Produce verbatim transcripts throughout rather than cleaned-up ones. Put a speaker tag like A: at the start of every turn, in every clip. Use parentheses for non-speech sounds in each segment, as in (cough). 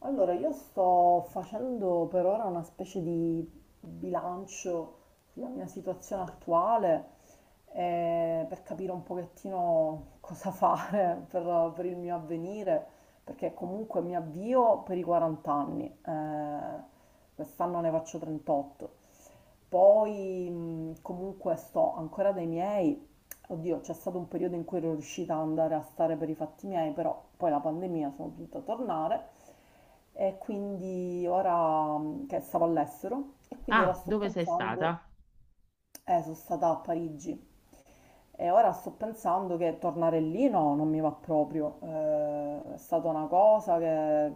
A: Allora, io sto facendo per ora una specie di bilancio sulla mia situazione attuale, eh, per capire un pochettino cosa fare (laughs) per, per il mio avvenire, perché comunque mi avvio per i quaranta anni, eh, quest'anno ne faccio trentotto. Poi mh, comunque sto ancora dai miei. Oddio, c'è stato un periodo in cui ero riuscita ad andare a stare per i fatti miei, però poi la pandemia sono dovuta tornare, e quindi ora mh, che stavo all'estero, e quindi ora
B: Ah,
A: sto
B: dove sei
A: pensando,
B: stata?
A: eh, sono stata a Parigi e ora sto pensando che tornare lì no, non mi va proprio. Eh, è stata una cosa che,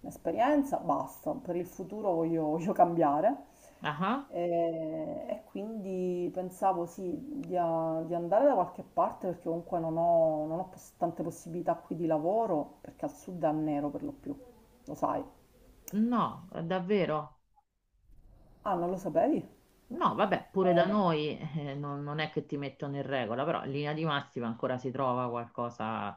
A: un'esperienza, basta. Per il futuro voglio, (laughs) voglio cambiare.
B: Ah,
A: E, e quindi pensavo sì, di, a- di andare da qualche parte perché comunque non ho, non ho pos- tante possibilità qui di lavoro, perché al sud è a nero per lo più, lo sai.
B: no, davvero?
A: Ah, non lo sapevi?
B: No, vabbè, pure da
A: Eh,
B: noi eh, non, non è che ti mettono in regola, però in linea di massima ancora si trova qualcosa.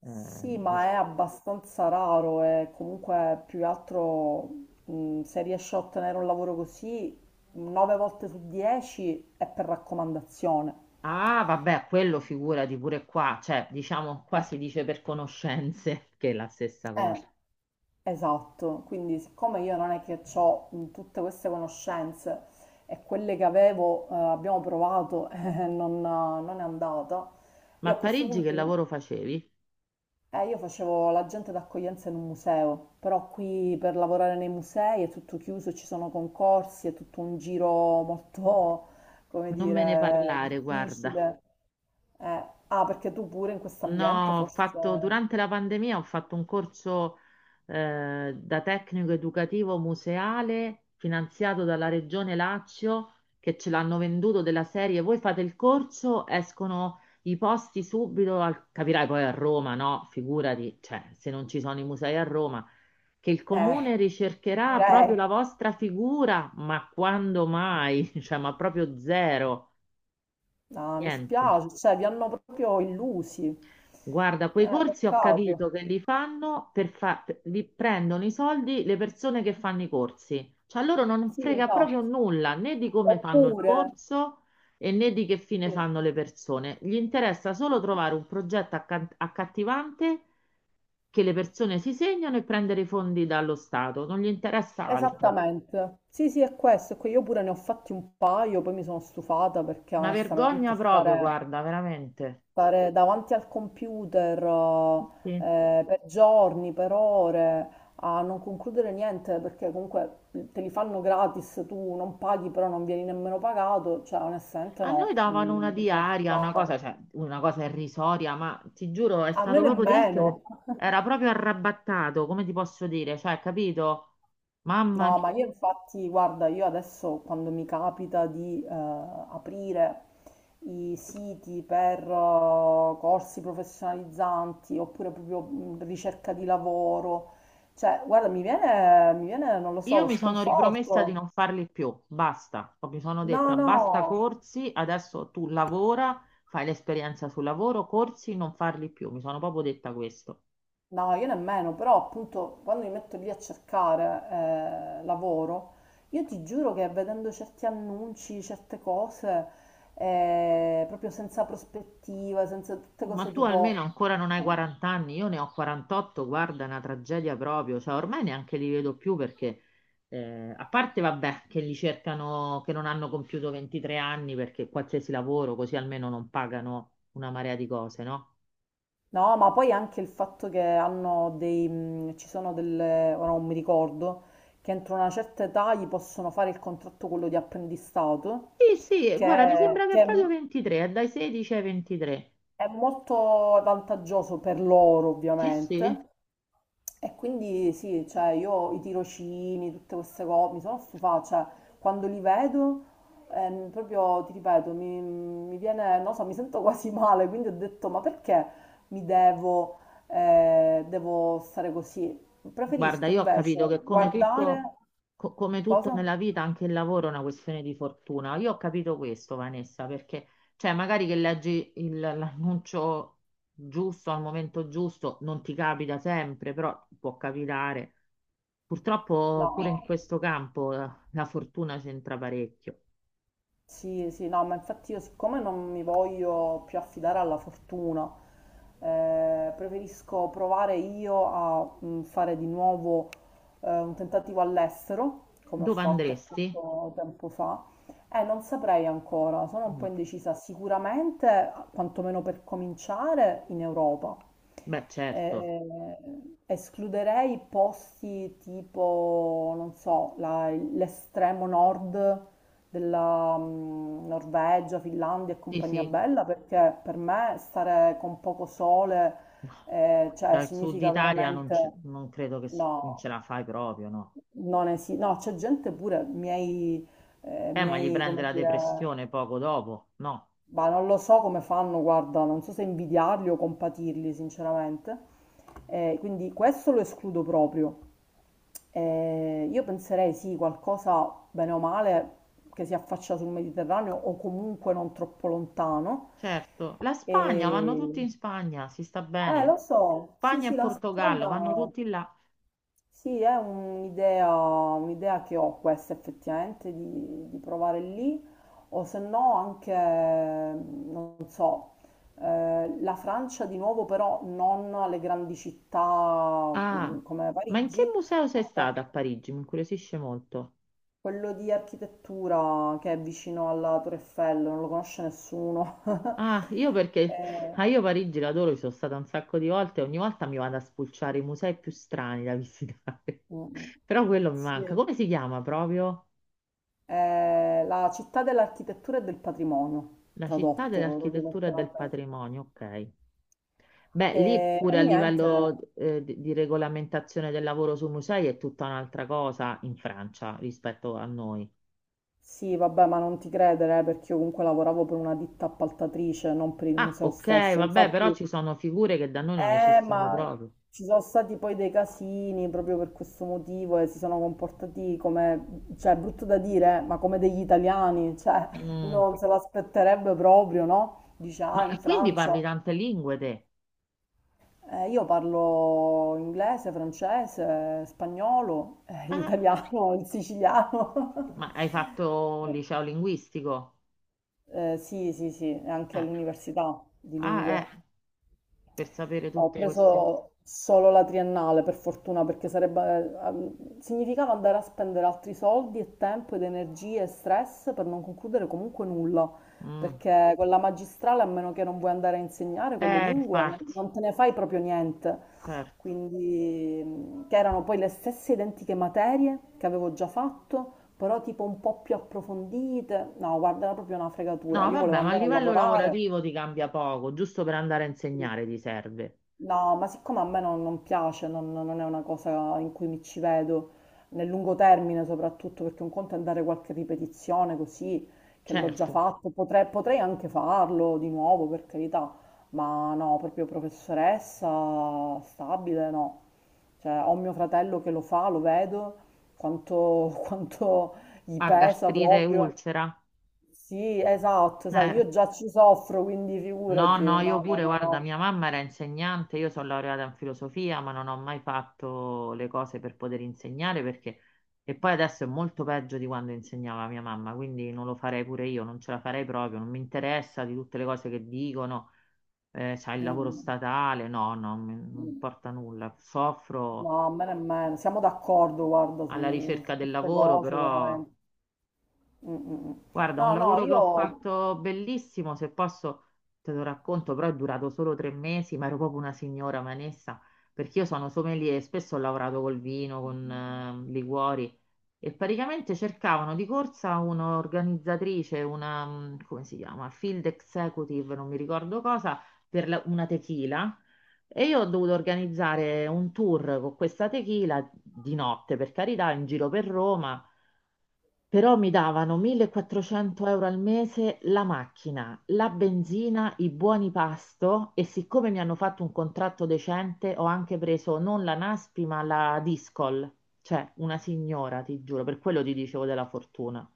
B: eh,
A: Sì, ma
B: dic-
A: è abbastanza raro e comunque più che altro, mh, se riesci a ottenere un lavoro così, nove volte su dieci è per raccomandazione.
B: Ah, vabbè, quello figurati pure qua, cioè diciamo qua
A: Eh,
B: si dice per conoscenze, (laughs) che è la stessa
A: eh,
B: cosa.
A: esatto, quindi siccome io non è che ho tutte queste conoscenze, e quelle che avevo, eh, abbiamo provato (laughs) e non, non è andata,
B: Ma
A: io
B: a
A: a questo
B: Parigi che
A: punto...
B: lavoro facevi?
A: Eh, io facevo l'agente d'accoglienza in un museo, però qui per lavorare nei musei è tutto chiuso, ci sono concorsi, è tutto un giro molto, (laughs) come
B: Non me ne
A: dire,
B: parlare, guarda.
A: difficile. Eh, ah, perché tu pure in questo ambiente
B: No, ho
A: forse...
B: fatto, durante la pandemia ho fatto un corso eh, da tecnico educativo museale finanziato dalla Regione Lazio che ce l'hanno venduto della serie. Voi fate il corso, escono i posti subito, al- capirai poi a Roma, no? Figurati, cioè, se non ci sono i musei a Roma, che il
A: Eh,
B: comune ricercherà proprio
A: direi...
B: la vostra figura, ma quando mai? (laughs) Cioè, ma proprio zero,
A: No, mi
B: niente.
A: spiace, cioè vi hanno proprio illusi.
B: Guarda, quei
A: Eh,
B: corsi ho capito
A: peccato.
B: che li fanno per fa- li prendono i soldi le persone che fanno i corsi. Cioè a loro non
A: Sì,
B: frega proprio
A: esatto.
B: nulla né di come fanno il
A: Oppure...
B: corso e né di che fine
A: sì,
B: fanno le persone. Gli interessa solo
A: sì, sì.
B: trovare un progetto acca- accattivante che le persone si segnano e prendere i fondi dallo Stato. Non gli interessa altro.
A: Esattamente. Sì, sì, è questo. è que- Io pure ne ho fatti un paio, poi mi sono stufata perché
B: Una
A: onestamente
B: vergogna proprio,
A: stare,
B: guarda, veramente.
A: stare davanti al computer
B: Sì.
A: eh, per giorni, per ore, a non concludere niente, perché comunque te li fanno gratis, tu non paghi, però non vieni nemmeno pagato, cioè onestamente
B: A noi
A: no,
B: davano una
A: mm, mi sono
B: diaria, una
A: stufata.
B: cosa, cioè, una cosa irrisoria, ma ti giuro, è
A: A me
B: stato proprio triste.
A: nemmeno.
B: Che Era proprio arrabattato, come ti posso dire? Cioè, capito? Mamma mia,
A: No, ma io infatti, guarda, io adesso quando mi capita di eh, aprire i siti per eh, corsi professionalizzanti, oppure proprio mh, ricerca di lavoro, cioè, guarda, mi viene, mi viene, non lo so,
B: io
A: lo
B: mi sono ripromessa di
A: sconforto.
B: non farli più, basta. Mi sono
A: No,
B: detta, basta
A: no.
B: corsi, adesso tu lavora, fai l'esperienza sul lavoro, corsi, non farli più. Mi sono proprio detta questo.
A: No, io nemmeno, però appunto quando mi metto lì a cercare eh, lavoro, io ti giuro che vedendo certi annunci, certe cose, eh, proprio senza prospettiva, senza tutte
B: Ma
A: cose
B: tu almeno
A: tipo...
B: ancora non hai quaranta anni, io ne ho quarantotto, guarda, è una tragedia proprio, cioè ormai neanche li vedo più perché, eh, a parte vabbè, che li cercano, che non hanno compiuto ventitré anni perché qualsiasi lavoro, così almeno non pagano una marea di cose, no?
A: No, ma poi anche il fatto che hanno dei... mh, ci sono delle... ora non mi ricordo, che entro una certa età gli possono fare il contratto quello di apprendistato,
B: Sì, sì,
A: che,
B: guarda, mi sembra che è
A: che è
B: proprio
A: mo-
B: ventitré, è dai sedici ai ventitré.
A: è molto vantaggioso per loro
B: Sì, sì.
A: ovviamente. E quindi sì, cioè io i tirocini, tutte queste cose, mi sono stufata, cioè quando li vedo, ehm, proprio ti ripeto, mi, mi viene, non so, mi sento (laughs) quasi male, quindi ho detto, ma perché mi devo, eh, devo stare così?
B: Guarda,
A: Preferisco
B: io ho capito
A: invece
B: che come tutto,
A: guardare,
B: co- come tutto
A: cosa?
B: nella vita, anche il lavoro è una questione di fortuna. Io ho capito questo, Vanessa, perché cioè, magari che leggi il- l'annuncio giusto al momento giusto, non ti capita sempre, però può capitare. Purtroppo pure in
A: No.
B: questo campo eh, la fortuna c'entra parecchio.
A: Sì, sì, no, ma infatti io siccome non mi voglio più affidare alla fortuna, eh, preferisco provare io a mm, fare di nuovo eh, un tentativo all'estero, come ho
B: Dove
A: fatto
B: andresti?
A: appunto tempo fa, e non saprei ancora, sono un po'
B: Mm.
A: indecisa, sicuramente, quantomeno per cominciare, in Europa.
B: Beh, certo.
A: Eh, escluderei posti tipo, non so, la- l'estremo nord della mm, Norvegia, Finlandia e
B: Sì,
A: compagnia
B: sì.
A: bella, perché per me stare con poco sole,
B: No,
A: eh, cioè,
B: dal sud
A: significa
B: Italia non, ce-
A: veramente...
B: non credo che s- non ce
A: No,
B: la fai proprio, no.
A: non esiste. No, c'è gente pure, miei, eh,
B: Eh, ma gli
A: miei,
B: prende
A: come
B: la
A: dire,
B: depressione poco dopo, no?
A: ma non lo so come fanno, guarda, non so se invidiarli o compatirli, sinceramente. Eh, quindi questo lo escludo proprio. Eh, io penserei sì, qualcosa bene o male che si affaccia sul Mediterraneo o comunque non troppo lontano.
B: Certo, la Spagna, vanno tutti
A: E-
B: in Spagna, si sta
A: Eh, lo
B: bene.
A: so, sì,
B: Spagna e
A: sì, la
B: Portogallo, vanno
A: Spagna.
B: tutti là.
A: Sì, è un'idea un'idea che ho questa effettivamente di, di provare lì, o se no anche, non so, eh, la Francia di nuovo, però non alle grandi città
B: Ah,
A: mm, come
B: ma in che
A: Parigi,
B: museo
A: ma
B: sei
A: qual-
B: stata a Parigi? Mi incuriosisce molto.
A: quello di architettura che è vicino alla Torre Eiffel, non lo conosce nessuno.
B: Ah,
A: (laughs)
B: io perché,
A: Eh,
B: ah, io Parigi l'adoro, ci sono stata un sacco di volte, ogni volta mi vado a spulciare i musei più strani da visitare.
A: mm, mm.
B: (laughs) Però quello mi
A: sì.
B: manca. Come si chiama proprio?
A: È la città dell'architettura e del patrimonio,
B: La città
A: tradotto proprio
B: dell'architettura e del
A: letteralmente.
B: patrimonio, ok. Beh,
A: E,
B: lì
A: e
B: pure a
A: niente,
B: livello eh, di, di regolamentazione del lavoro sui musei è tutta un'altra cosa in Francia rispetto a noi.
A: sì, vabbè, ma non ti credere, eh, perché io comunque lavoravo per una ditta appaltatrice, non per il
B: Ah,
A: museo
B: ok,
A: stesso.
B: vabbè, però
A: Infatti,
B: ci sono figure che da noi non
A: eh,
B: esistono
A: ma
B: proprio.
A: ci sono stati poi dei casini proprio per questo motivo e si sono comportati come, cioè, è brutto da dire, eh, ma come degli italiani, cioè, uno
B: Mm.
A: non se l'aspetterebbe proprio, no? Dice, ah,
B: Ma
A: in
B: quindi parli
A: Francia.
B: tante lingue te?
A: Eh, io parlo inglese, francese, spagnolo, (laughs) eh,
B: Eh,
A: l'italiano, il siciliano. (laughs)
B: ma hai fatto un liceo linguistico?
A: Eh, sì, sì, sì, e anche
B: Eh,
A: all'università di
B: Ah,
A: lingue.
B: eh, per sapere
A: Ho
B: tutte queste.
A: preso solo la triennale, per fortuna, perché sarebbe, eh, significava andare a spendere altri soldi e tempo ed energie e stress per non concludere comunque nulla,
B: Mm.
A: perché con la magistrale, a meno che non vuoi andare a insegnare con le
B: Eh,
A: lingue, non,
B: infatti,
A: non te ne fai proprio niente.
B: certo.
A: Quindi, mh, che erano poi le stesse identiche materie che avevo già fatto, però tipo un po' più approfondite. No, guarda, era proprio una fregatura.
B: No,
A: Io volevo
B: vabbè, ma a
A: andare a
B: livello
A: lavorare.
B: lavorativo ti cambia poco, giusto per andare a insegnare ti serve.
A: No, ma siccome a me non, non piace, non, non è una cosa in cui mi ci vedo, nel lungo termine soprattutto, perché un conto è andare qualche ripetizione così, che l'ho già
B: Certo.
A: fatto, potrei, potrei anche farlo di nuovo, per carità, ma no, proprio professoressa stabile, no. Cioè, ho mio fratello che lo fa, lo vedo, quanto, (laughs) quanto gli
B: Ah,
A: pesa
B: gastrite e
A: proprio.
B: ulcera?
A: Sì, esatto, sai,
B: Eh,
A: io già ci soffro, quindi
B: no,
A: figurati,
B: no, io
A: no, no,
B: pure,
A: no,
B: guarda,
A: no.
B: mia mamma era insegnante, io sono laureata in filosofia, ma non ho mai fatto le cose per poter insegnare perché. E poi adesso è molto peggio di quando insegnava mia mamma, quindi non lo farei pure io, non ce la farei proprio, non mi interessa di tutte le cose che dicono, eh, c'ha il lavoro
A: Mm,
B: statale, no, no, mi-
A: mm,
B: non
A: mm.
B: importa nulla,
A: No,
B: soffro
A: a me nemmeno, siamo d'accordo, guarda,
B: alla
A: su,
B: ricerca
A: su
B: del
A: queste
B: lavoro,
A: cose,
B: però.
A: veramente. Mm, mm, mm.
B: Guarda,
A: No,
B: un
A: no,
B: lavoro che ho
A: io...
B: fatto bellissimo, se posso te lo racconto, però è durato solo tre mesi, ma ero proprio una signora manessa, perché io sono sommelier e spesso ho lavorato col vino, con eh, liquori e praticamente cercavano di corsa un'organizzatrice, una, mm, come si chiama, field executive, non mi ricordo cosa, per la- una tequila. E io ho dovuto organizzare un tour con questa tequila di notte, per carità, in giro per Roma. Però mi davano millequattrocento euro al mese la macchina, la benzina, i buoni pasto e siccome mi hanno fatto un contratto decente ho anche preso non la Naspi ma la Discol, cioè una signora, ti giuro, per quello ti dicevo della fortuna.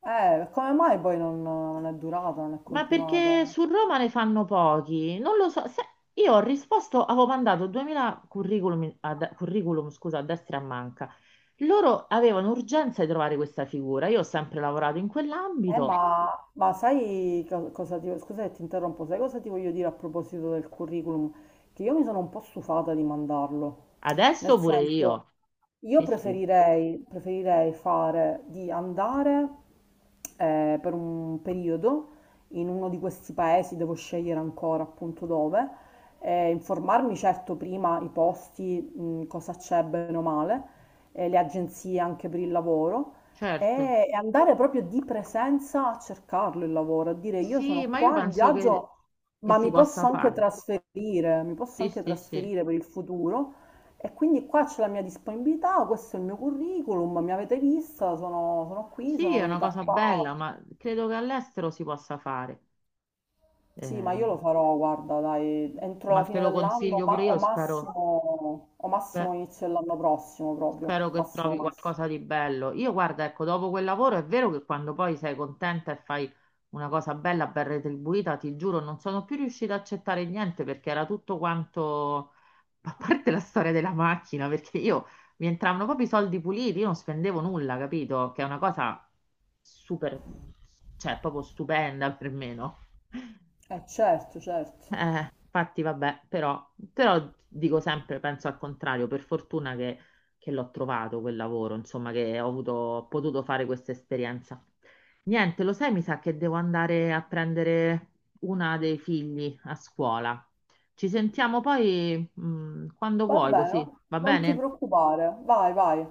A: Eh, come mai poi non, non è durata, non è
B: Ma perché
A: continuata?
B: su Roma ne fanno pochi? Non lo so. se- Io ho risposto, avevo mandato duemila curriculum, a, de- curriculum, scusa, a destra e a manca. Loro avevano urgenza di trovare questa figura. Io ho sempre lavorato in
A: Eh,
B: quell'ambito.
A: ma, ma sai co- cosa ti, scusa se ti interrompo, sai cosa ti voglio dire a proposito del curriculum? Che io mi sono un po' stufata di mandarlo. Nel
B: Adesso pure
A: senso,
B: io.
A: io
B: Sì, sì,
A: preferirei, preferirei fare di andare eh, per un periodo in uno di questi paesi, devo scegliere ancora appunto dove, eh, informarmi certo prima i posti, mh, cosa c'è bene o male, eh, le agenzie anche per il lavoro
B: certo.
A: e e andare proprio di presenza a cercarlo il lavoro, a dire io
B: Sì,
A: sono
B: ma io
A: qua in
B: penso che,
A: viaggio,
B: che
A: ma
B: si
A: mi posso
B: possa
A: anche
B: fare.
A: trasferire, mi posso
B: Sì,
A: anche
B: sì, sì.
A: trasferire per il futuro. E quindi qua c'è la mia disponibilità, questo è il mio curriculum, mi avete vista, sono, sono qui,
B: Sì,
A: sono
B: è una
A: venuta
B: cosa
A: qua.
B: bella, ma credo che all'estero si possa fare.
A: Sì, ma io
B: Eh,
A: lo farò, guarda, dai, entro
B: ma
A: la
B: te
A: fine
B: lo
A: dell'anno,
B: consiglio pure
A: ma o
B: io, spero,
A: massimo, o
B: spe-
A: massimo inizio dell'anno prossimo proprio,
B: spero che
A: massimo
B: trovi
A: massimo.
B: qualcosa di bello. Io guarda, ecco, dopo quel lavoro è vero che quando poi sei contenta e fai una cosa bella, ben retribuita, ti giuro, non sono più riuscita a accettare niente perché era tutto quanto a parte la storia della macchina, perché io mi entravano proprio i soldi puliti, io non spendevo nulla, capito? Che è una cosa super, cioè proprio stupenda per me, no?
A: Eh certo, certo.
B: Eh, infatti, vabbè, però, però dico sempre, penso al contrario, per fortuna che, che, l'ho trovato quel lavoro, insomma, che ho avuto, ho potuto fare questa esperienza. Niente, lo sai, mi sa che devo andare a prendere una dei figli a scuola. Ci sentiamo poi, mh, quando
A: Va
B: vuoi, così
A: bene,
B: va
A: non ti
B: bene?
A: preoccupare, vai, vai.